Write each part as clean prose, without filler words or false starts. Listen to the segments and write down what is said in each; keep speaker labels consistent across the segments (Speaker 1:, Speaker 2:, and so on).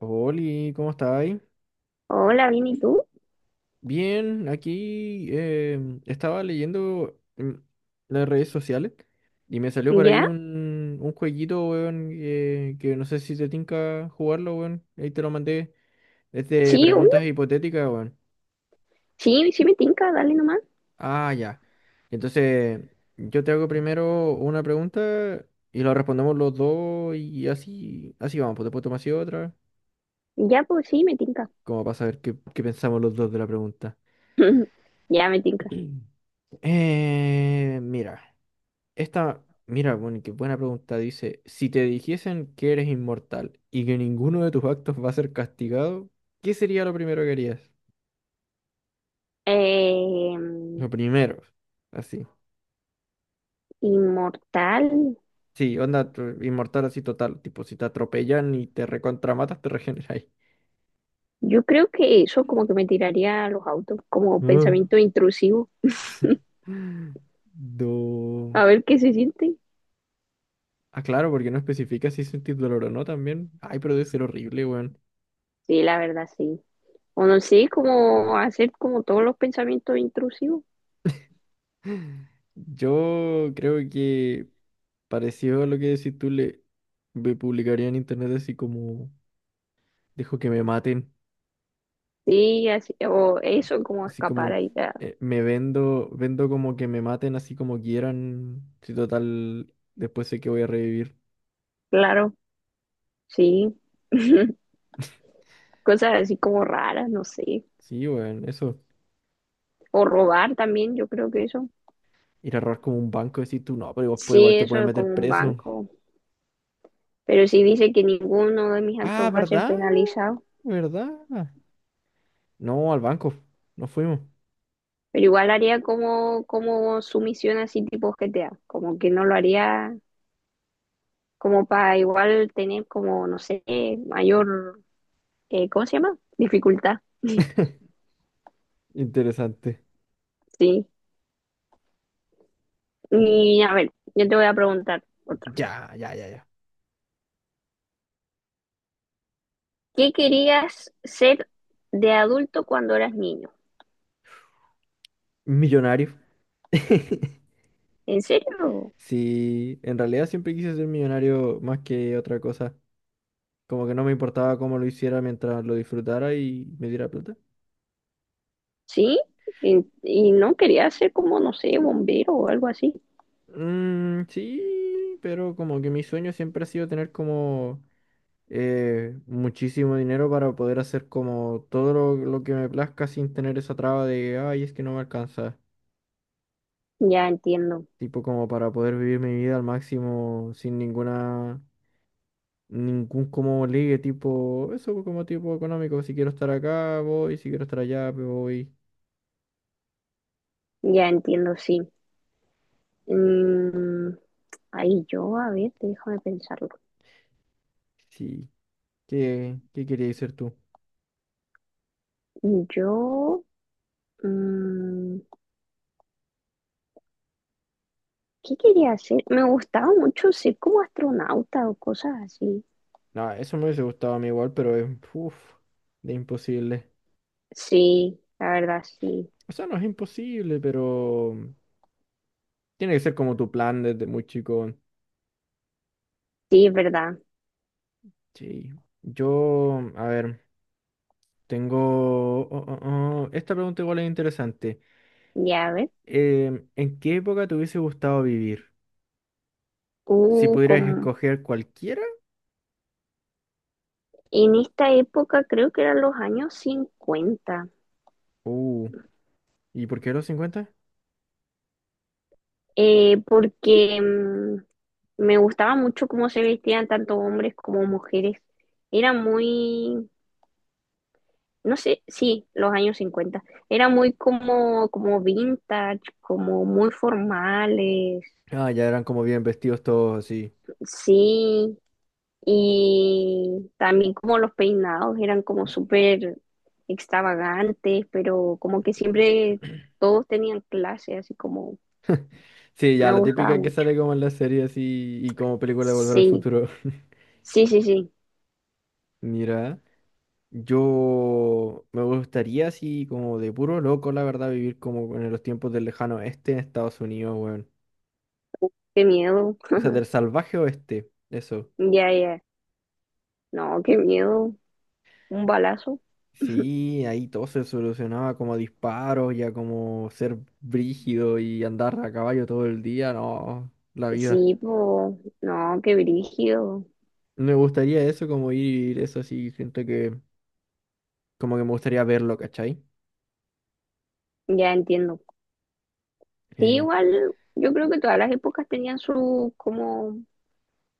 Speaker 1: Oli, ¿cómo estáis?
Speaker 2: Hola, bien, ¿y tú?
Speaker 1: Bien, aquí estaba leyendo las redes sociales y me salió por
Speaker 2: ¿Ya?
Speaker 1: ahí un jueguito, weón, que no sé si te tinca jugarlo, weón. Ahí te lo mandé. Es de
Speaker 2: Sí, obvio.
Speaker 1: preguntas hipotéticas, weón.
Speaker 2: Sí, sí me tinca, dale nomás.
Speaker 1: Ah, ya. Entonces, yo te hago primero una pregunta y lo respondemos los dos y así vamos. Pues después tomas así otra,
Speaker 2: Ya, pues sí, me tinca.
Speaker 1: como para saber qué pensamos los dos de la pregunta.
Speaker 2: Ya me tinca.
Speaker 1: Mira. Esta, mira, bueno, qué buena pregunta. Dice, si te dijesen que eres inmortal y que ninguno de tus actos va a ser castigado, ¿qué sería lo primero que harías?
Speaker 2: Eh,
Speaker 1: Lo primero, así.
Speaker 2: Inmortal.
Speaker 1: Sí, onda, inmortal así total. Tipo, si te atropellan y te recontramatas, te regeneráis.
Speaker 2: Yo creo que eso como que me tiraría a los autos, como
Speaker 1: Ah.
Speaker 2: pensamiento intrusivo.
Speaker 1: Do...
Speaker 2: A ver qué se siente.
Speaker 1: Ah, claro, porque no especifica si sentís dolor o no también. Ay, pero debe ser horrible, weón.
Speaker 2: Sí, la verdad, sí. O no sé, como hacer como todos los pensamientos intrusivos.
Speaker 1: Yo creo que... Parecido a lo que si tú le me publicaría en internet así como dejo que me maten,
Speaker 2: Sí, así, o eso, como
Speaker 1: así
Speaker 2: escapar
Speaker 1: como
Speaker 2: ahí. Ya.
Speaker 1: me vendo, vendo como que me maten así como quieran, si total después sé que voy a revivir.
Speaker 2: Claro, sí. Cosas así como raras, no sé.
Speaker 1: Sí, weón, eso.
Speaker 2: O robar también, yo creo que eso.
Speaker 1: Ir a robar como un banco y decir tú no, pero después
Speaker 2: Sí,
Speaker 1: igual te
Speaker 2: eso
Speaker 1: pueden
Speaker 2: es con
Speaker 1: meter
Speaker 2: un
Speaker 1: preso.
Speaker 2: banco, pero sí dice que ninguno de mis
Speaker 1: Ah,
Speaker 2: actos va a ser
Speaker 1: ¿verdad?
Speaker 2: penalizado,
Speaker 1: ¿Verdad? No, al banco. No fuimos.
Speaker 2: pero igual haría como, como sumisión así tipo GTA, como que no lo haría como para igual tener como, no sé, mayor, ¿cómo se llama? Dificultad,
Speaker 1: Interesante.
Speaker 2: sí. Y a ver, yo te voy a preguntar otra.
Speaker 1: Ya, ya, ya, ya.
Speaker 2: ¿Qué querías ser de adulto cuando eras niño?
Speaker 1: Millonario.
Speaker 2: ¿En serio?
Speaker 1: Sí, en realidad siempre quise ser millonario más que otra cosa. Como que no me importaba cómo lo hiciera mientras lo disfrutara y me diera plata.
Speaker 2: ¿Sí? Y no querías ser como, no sé, bombero o algo así.
Speaker 1: Mm, sí, pero como que mi sueño siempre ha sido tener como muchísimo dinero para poder hacer como todo lo que me plazca sin tener esa traba de, ay, es que no me alcanza.
Speaker 2: Ya entiendo.
Speaker 1: Tipo como para poder vivir mi vida al máximo sin ninguna ningún como ligue tipo, eso como tipo económico, si quiero estar acá voy, si quiero estar allá pues voy,
Speaker 2: Ya entiendo, sí. Mm, ahí yo, a ver, déjame pensarlo.
Speaker 1: sí, ¿qué querías ser tú?
Speaker 2: Yo, mm, ¿qué quería hacer? Me gustaba mucho ser como astronauta o cosas así.
Speaker 1: No, eso me hubiese gustado a mí igual, pero es, uff, de imposible.
Speaker 2: Sí, la verdad, sí.
Speaker 1: O sea, no es imposible, pero tiene que ser como tu plan desde muy chico.
Speaker 2: Sí, es verdad.
Speaker 1: Sí, yo, a ver, tengo, oh, oh, oh, esta pregunta igual es interesante.
Speaker 2: Ya, a ver.
Speaker 1: ¿En qué época te hubiese gustado vivir? Si pudieras
Speaker 2: Como
Speaker 1: escoger cualquiera.
Speaker 2: en esta época creo que eran los años 50,
Speaker 1: Uh. ¿Y por qué los cincuenta?
Speaker 2: porque me gustaba mucho cómo se vestían tanto hombres como mujeres. Era muy, no sé, sí, los años 50. Era muy como, como vintage, como muy formales,
Speaker 1: Ah, ya eran como bien vestidos todos así.
Speaker 2: sí. Y también como los peinados eran como súper extravagantes, pero como que siempre todos tenían clase, así como,
Speaker 1: Sí,
Speaker 2: me
Speaker 1: ya la
Speaker 2: gustaba
Speaker 1: típica que
Speaker 2: mucho.
Speaker 1: sale como en la serie así y como película de Volver al
Speaker 2: Sí,
Speaker 1: Futuro.
Speaker 2: sí, sí, sí,
Speaker 1: Mira, yo me gustaría así como de puro loco, la verdad, vivir como en los tiempos del lejano oeste en Estados Unidos, weón.
Speaker 2: qué miedo.
Speaker 1: O sea, del salvaje oeste, eso.
Speaker 2: Ya, ya, no, qué miedo. Un balazo.
Speaker 1: Sí, ahí todo se solucionaba como a disparos, ya como ser brígido y andar a caballo todo el día, no, la vida.
Speaker 2: Sí, pues, no, qué brígido.
Speaker 1: Me gustaría eso, como ir, eso sí, gente que como que me gustaría verlo, ¿cachai?
Speaker 2: Ya entiendo. Sí,
Speaker 1: Eh,
Speaker 2: igual yo creo que todas las épocas tenían su como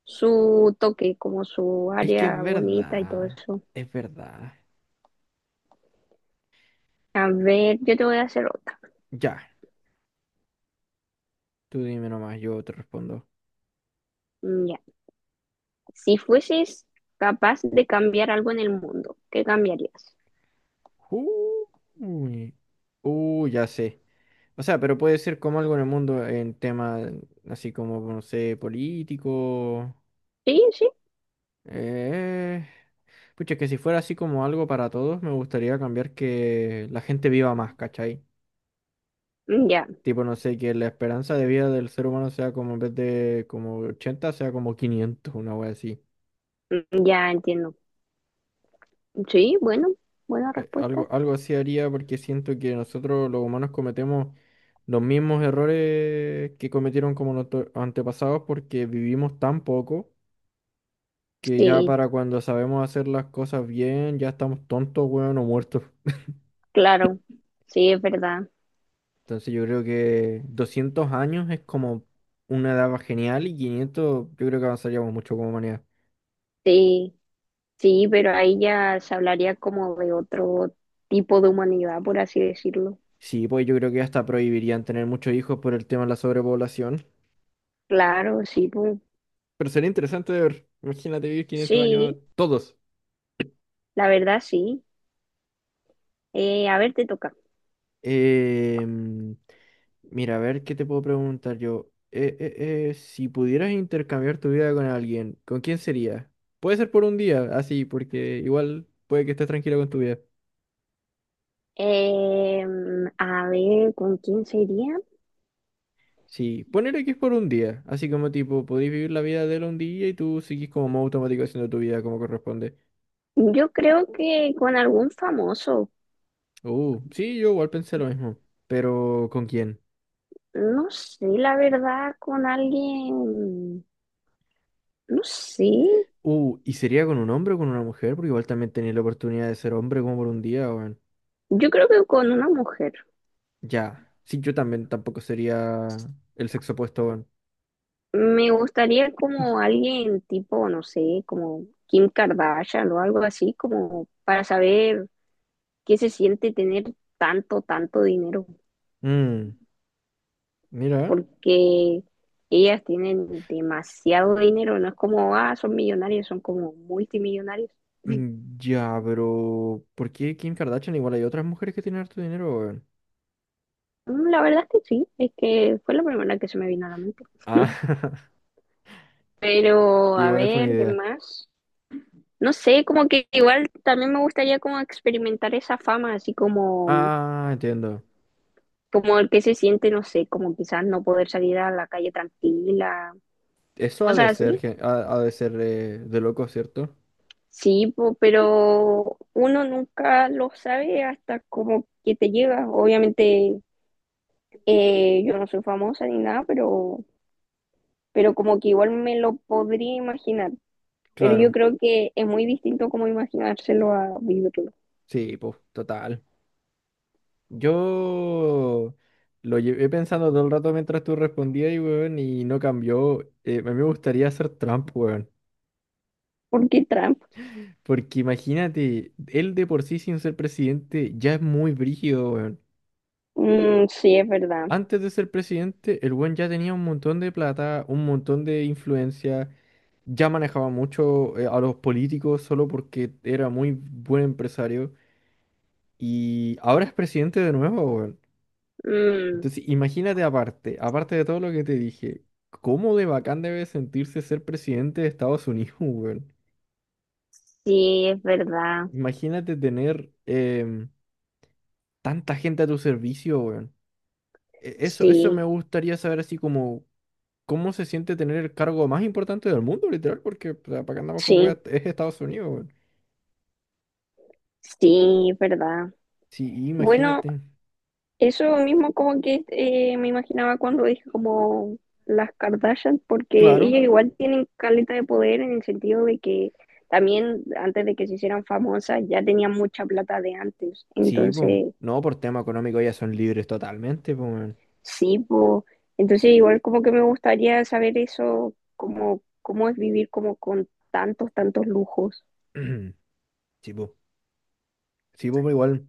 Speaker 2: su toque, como su
Speaker 1: es que es
Speaker 2: área bonita y todo
Speaker 1: verdad,
Speaker 2: eso.
Speaker 1: es verdad.
Speaker 2: A ver, yo te voy a hacer otra.
Speaker 1: Ya, tú dime nomás, yo te respondo.
Speaker 2: Mm, ya. Si fueses capaz de cambiar algo en el mundo, ¿qué cambiarías?
Speaker 1: Uy, ya sé. O sea, pero puede ser como algo en el mundo en tema así como, no sé, político.
Speaker 2: Sí, sí.
Speaker 1: Eh... Pucha, que si fuera así como algo para todos, me gustaría cambiar que la gente viva más, ¿cachai?
Speaker 2: Mm, ya.
Speaker 1: Tipo, no sé, que la esperanza de vida del ser humano sea como en vez de como 80 sea como 500 una wea así.
Speaker 2: Mm, ya entiendo. Sí, bueno, buena
Speaker 1: Eh,
Speaker 2: respuesta.
Speaker 1: Algo, algo así haría porque siento que nosotros los humanos cometemos los mismos errores que cometieron como nuestros antepasados porque vivimos tan poco que ya
Speaker 2: Sí,
Speaker 1: para cuando sabemos hacer las cosas bien ya estamos tontos, weón, o muertos.
Speaker 2: claro. Sí, es verdad.
Speaker 1: Entonces yo creo que 200 años es como una edad genial y 500 yo creo que avanzaríamos mucho como humanidad.
Speaker 2: Sí, sí, pero ahí ya se hablaría como de otro tipo de humanidad, por así decirlo.
Speaker 1: Sí, pues yo creo que hasta prohibirían tener muchos hijos por el tema de la sobrepoblación.
Speaker 2: Claro, sí, po.
Speaker 1: Pero sería interesante de ver. Imagínate vivir 500 años
Speaker 2: Sí,
Speaker 1: todos.
Speaker 2: la verdad sí. A ver, te toca.
Speaker 1: Em, mira, a ver qué te puedo preguntar yo. Si pudieras intercambiar tu vida con alguien, ¿con quién sería? Puede ser por un día, así, porque igual puede que estés tranquilo con tu vida.
Speaker 2: Eh, a ver, ¿con quién sería?
Speaker 1: Sí, ponerle que es por un día, así como tipo, podéis vivir la vida de él un día y tú sigues como modo automático haciendo tu vida como corresponde.
Speaker 2: Yo creo que con algún famoso.
Speaker 1: Sí, yo igual pensé lo mismo. Pero, ¿con quién?
Speaker 2: No sé, la verdad, con alguien. No sé.
Speaker 1: ¿Y sería con un hombre o con una mujer? Porque igual también tenía la oportunidad de ser hombre como por un día, weón.
Speaker 2: Yo creo que con una mujer.
Speaker 1: Ya. Sí, yo también tampoco sería el sexo opuesto, weón.
Speaker 2: Me gustaría como alguien tipo, no sé, como Kim Kardashian o algo así, como para saber qué se siente tener tanto, tanto dinero.
Speaker 1: Mm, mira.
Speaker 2: Porque ellas tienen demasiado dinero, no es como, ah, son millonarios, son como multimillonarios.
Speaker 1: Mm, ya, pero ¿por qué Kim Kardashian? Igual hay otras mujeres que tienen harto dinero, weón.
Speaker 2: Mm, la verdad es que sí, es que fue la primera que se me vino a la mente.
Speaker 1: Ah,
Speaker 2: Pero, a
Speaker 1: igual fue una
Speaker 2: ver, ¿qué
Speaker 1: idea.
Speaker 2: más? No sé, como que igual también me gustaría como experimentar esa fama, así como,
Speaker 1: Ah, entiendo.
Speaker 2: como el que se siente, no sé, como quizás no poder salir a la calle tranquila,
Speaker 1: Eso ha
Speaker 2: cosas
Speaker 1: de ser,
Speaker 2: así.
Speaker 1: ha, ha de ser de loco, ¿cierto?
Speaker 2: Sí, po, pero uno nunca lo sabe hasta como que te llega. Obviamente, yo no soy famosa ni nada, pero como que igual me lo podría imaginar. Pero yo
Speaker 1: Claro.
Speaker 2: creo que es muy distinto como imaginárselo a vivirlo.
Speaker 1: Sí, pues, total. Yo lo llevé pensando todo el rato mientras tú respondías y, weón, y no cambió. A mí me gustaría ser Trump, weón.
Speaker 2: Porque Trump,
Speaker 1: Porque imagínate, él de por sí sin ser presidente ya es muy brígido, weón.
Speaker 2: mm, sí, es verdad.
Speaker 1: Antes de ser presidente, el weón ya tenía un montón de plata, un montón de influencia, ya manejaba mucho a los políticos solo porque era muy buen empresario. Y ahora es presidente de nuevo, weón.
Speaker 2: Mm,
Speaker 1: Entonces, imagínate aparte de todo lo que te dije, cómo de bacán debe sentirse ser presidente de Estados Unidos, weón.
Speaker 2: sí, es verdad.
Speaker 1: Imagínate tener tanta gente a tu servicio, weón. Eso me
Speaker 2: Sí,
Speaker 1: gustaría saber así como cómo se siente tener el cargo más importante del mundo, literal, porque para qué andamos con weas,
Speaker 2: sí,
Speaker 1: es Estados Unidos, weón.
Speaker 2: sí, es verdad.
Speaker 1: Sí,
Speaker 2: Bueno,
Speaker 1: imagínate.
Speaker 2: eso mismo como que me imaginaba cuando dije como las Kardashian, porque
Speaker 1: Claro.
Speaker 2: ellas igual tienen caleta de poder en el sentido de que también antes de que se hicieran famosas ya tenían mucha plata de antes.
Speaker 1: Sí, pues.
Speaker 2: Entonces,
Speaker 1: No, por tema económico ya son libres totalmente, pues.
Speaker 2: sí, po. Entonces igual como que me gustaría saber eso, como cómo es vivir como con tantos, tantos lujos.
Speaker 1: Sí, pues. Sí, po, igual.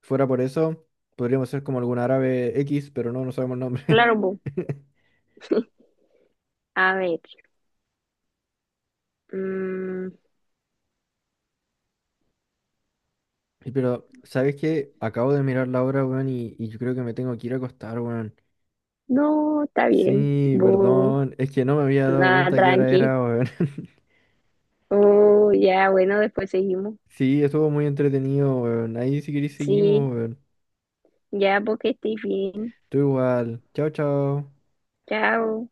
Speaker 1: Fuera por eso, podríamos ser como algún árabe X, pero no, no sabemos el nombre.
Speaker 2: Claro, po. A ver, mm,
Speaker 1: Y pero, ¿sabes qué? Acabo de mirar la hora, weón, y yo creo que me tengo que ir a acostar, weón.
Speaker 2: no, está bien,
Speaker 1: Sí,
Speaker 2: bo,
Speaker 1: perdón, es que no me había dado
Speaker 2: nada,
Speaker 1: cuenta qué hora
Speaker 2: tranqui.
Speaker 1: era, weón.
Speaker 2: Oh, ya, bueno, después seguimos.
Speaker 1: Sí, estuvo muy entretenido, weón. Ahí si queréis
Speaker 2: Sí,
Speaker 1: seguimos, weón.
Speaker 2: ya porque estoy bien.
Speaker 1: Tú igual. Chao, chao.
Speaker 2: Chao.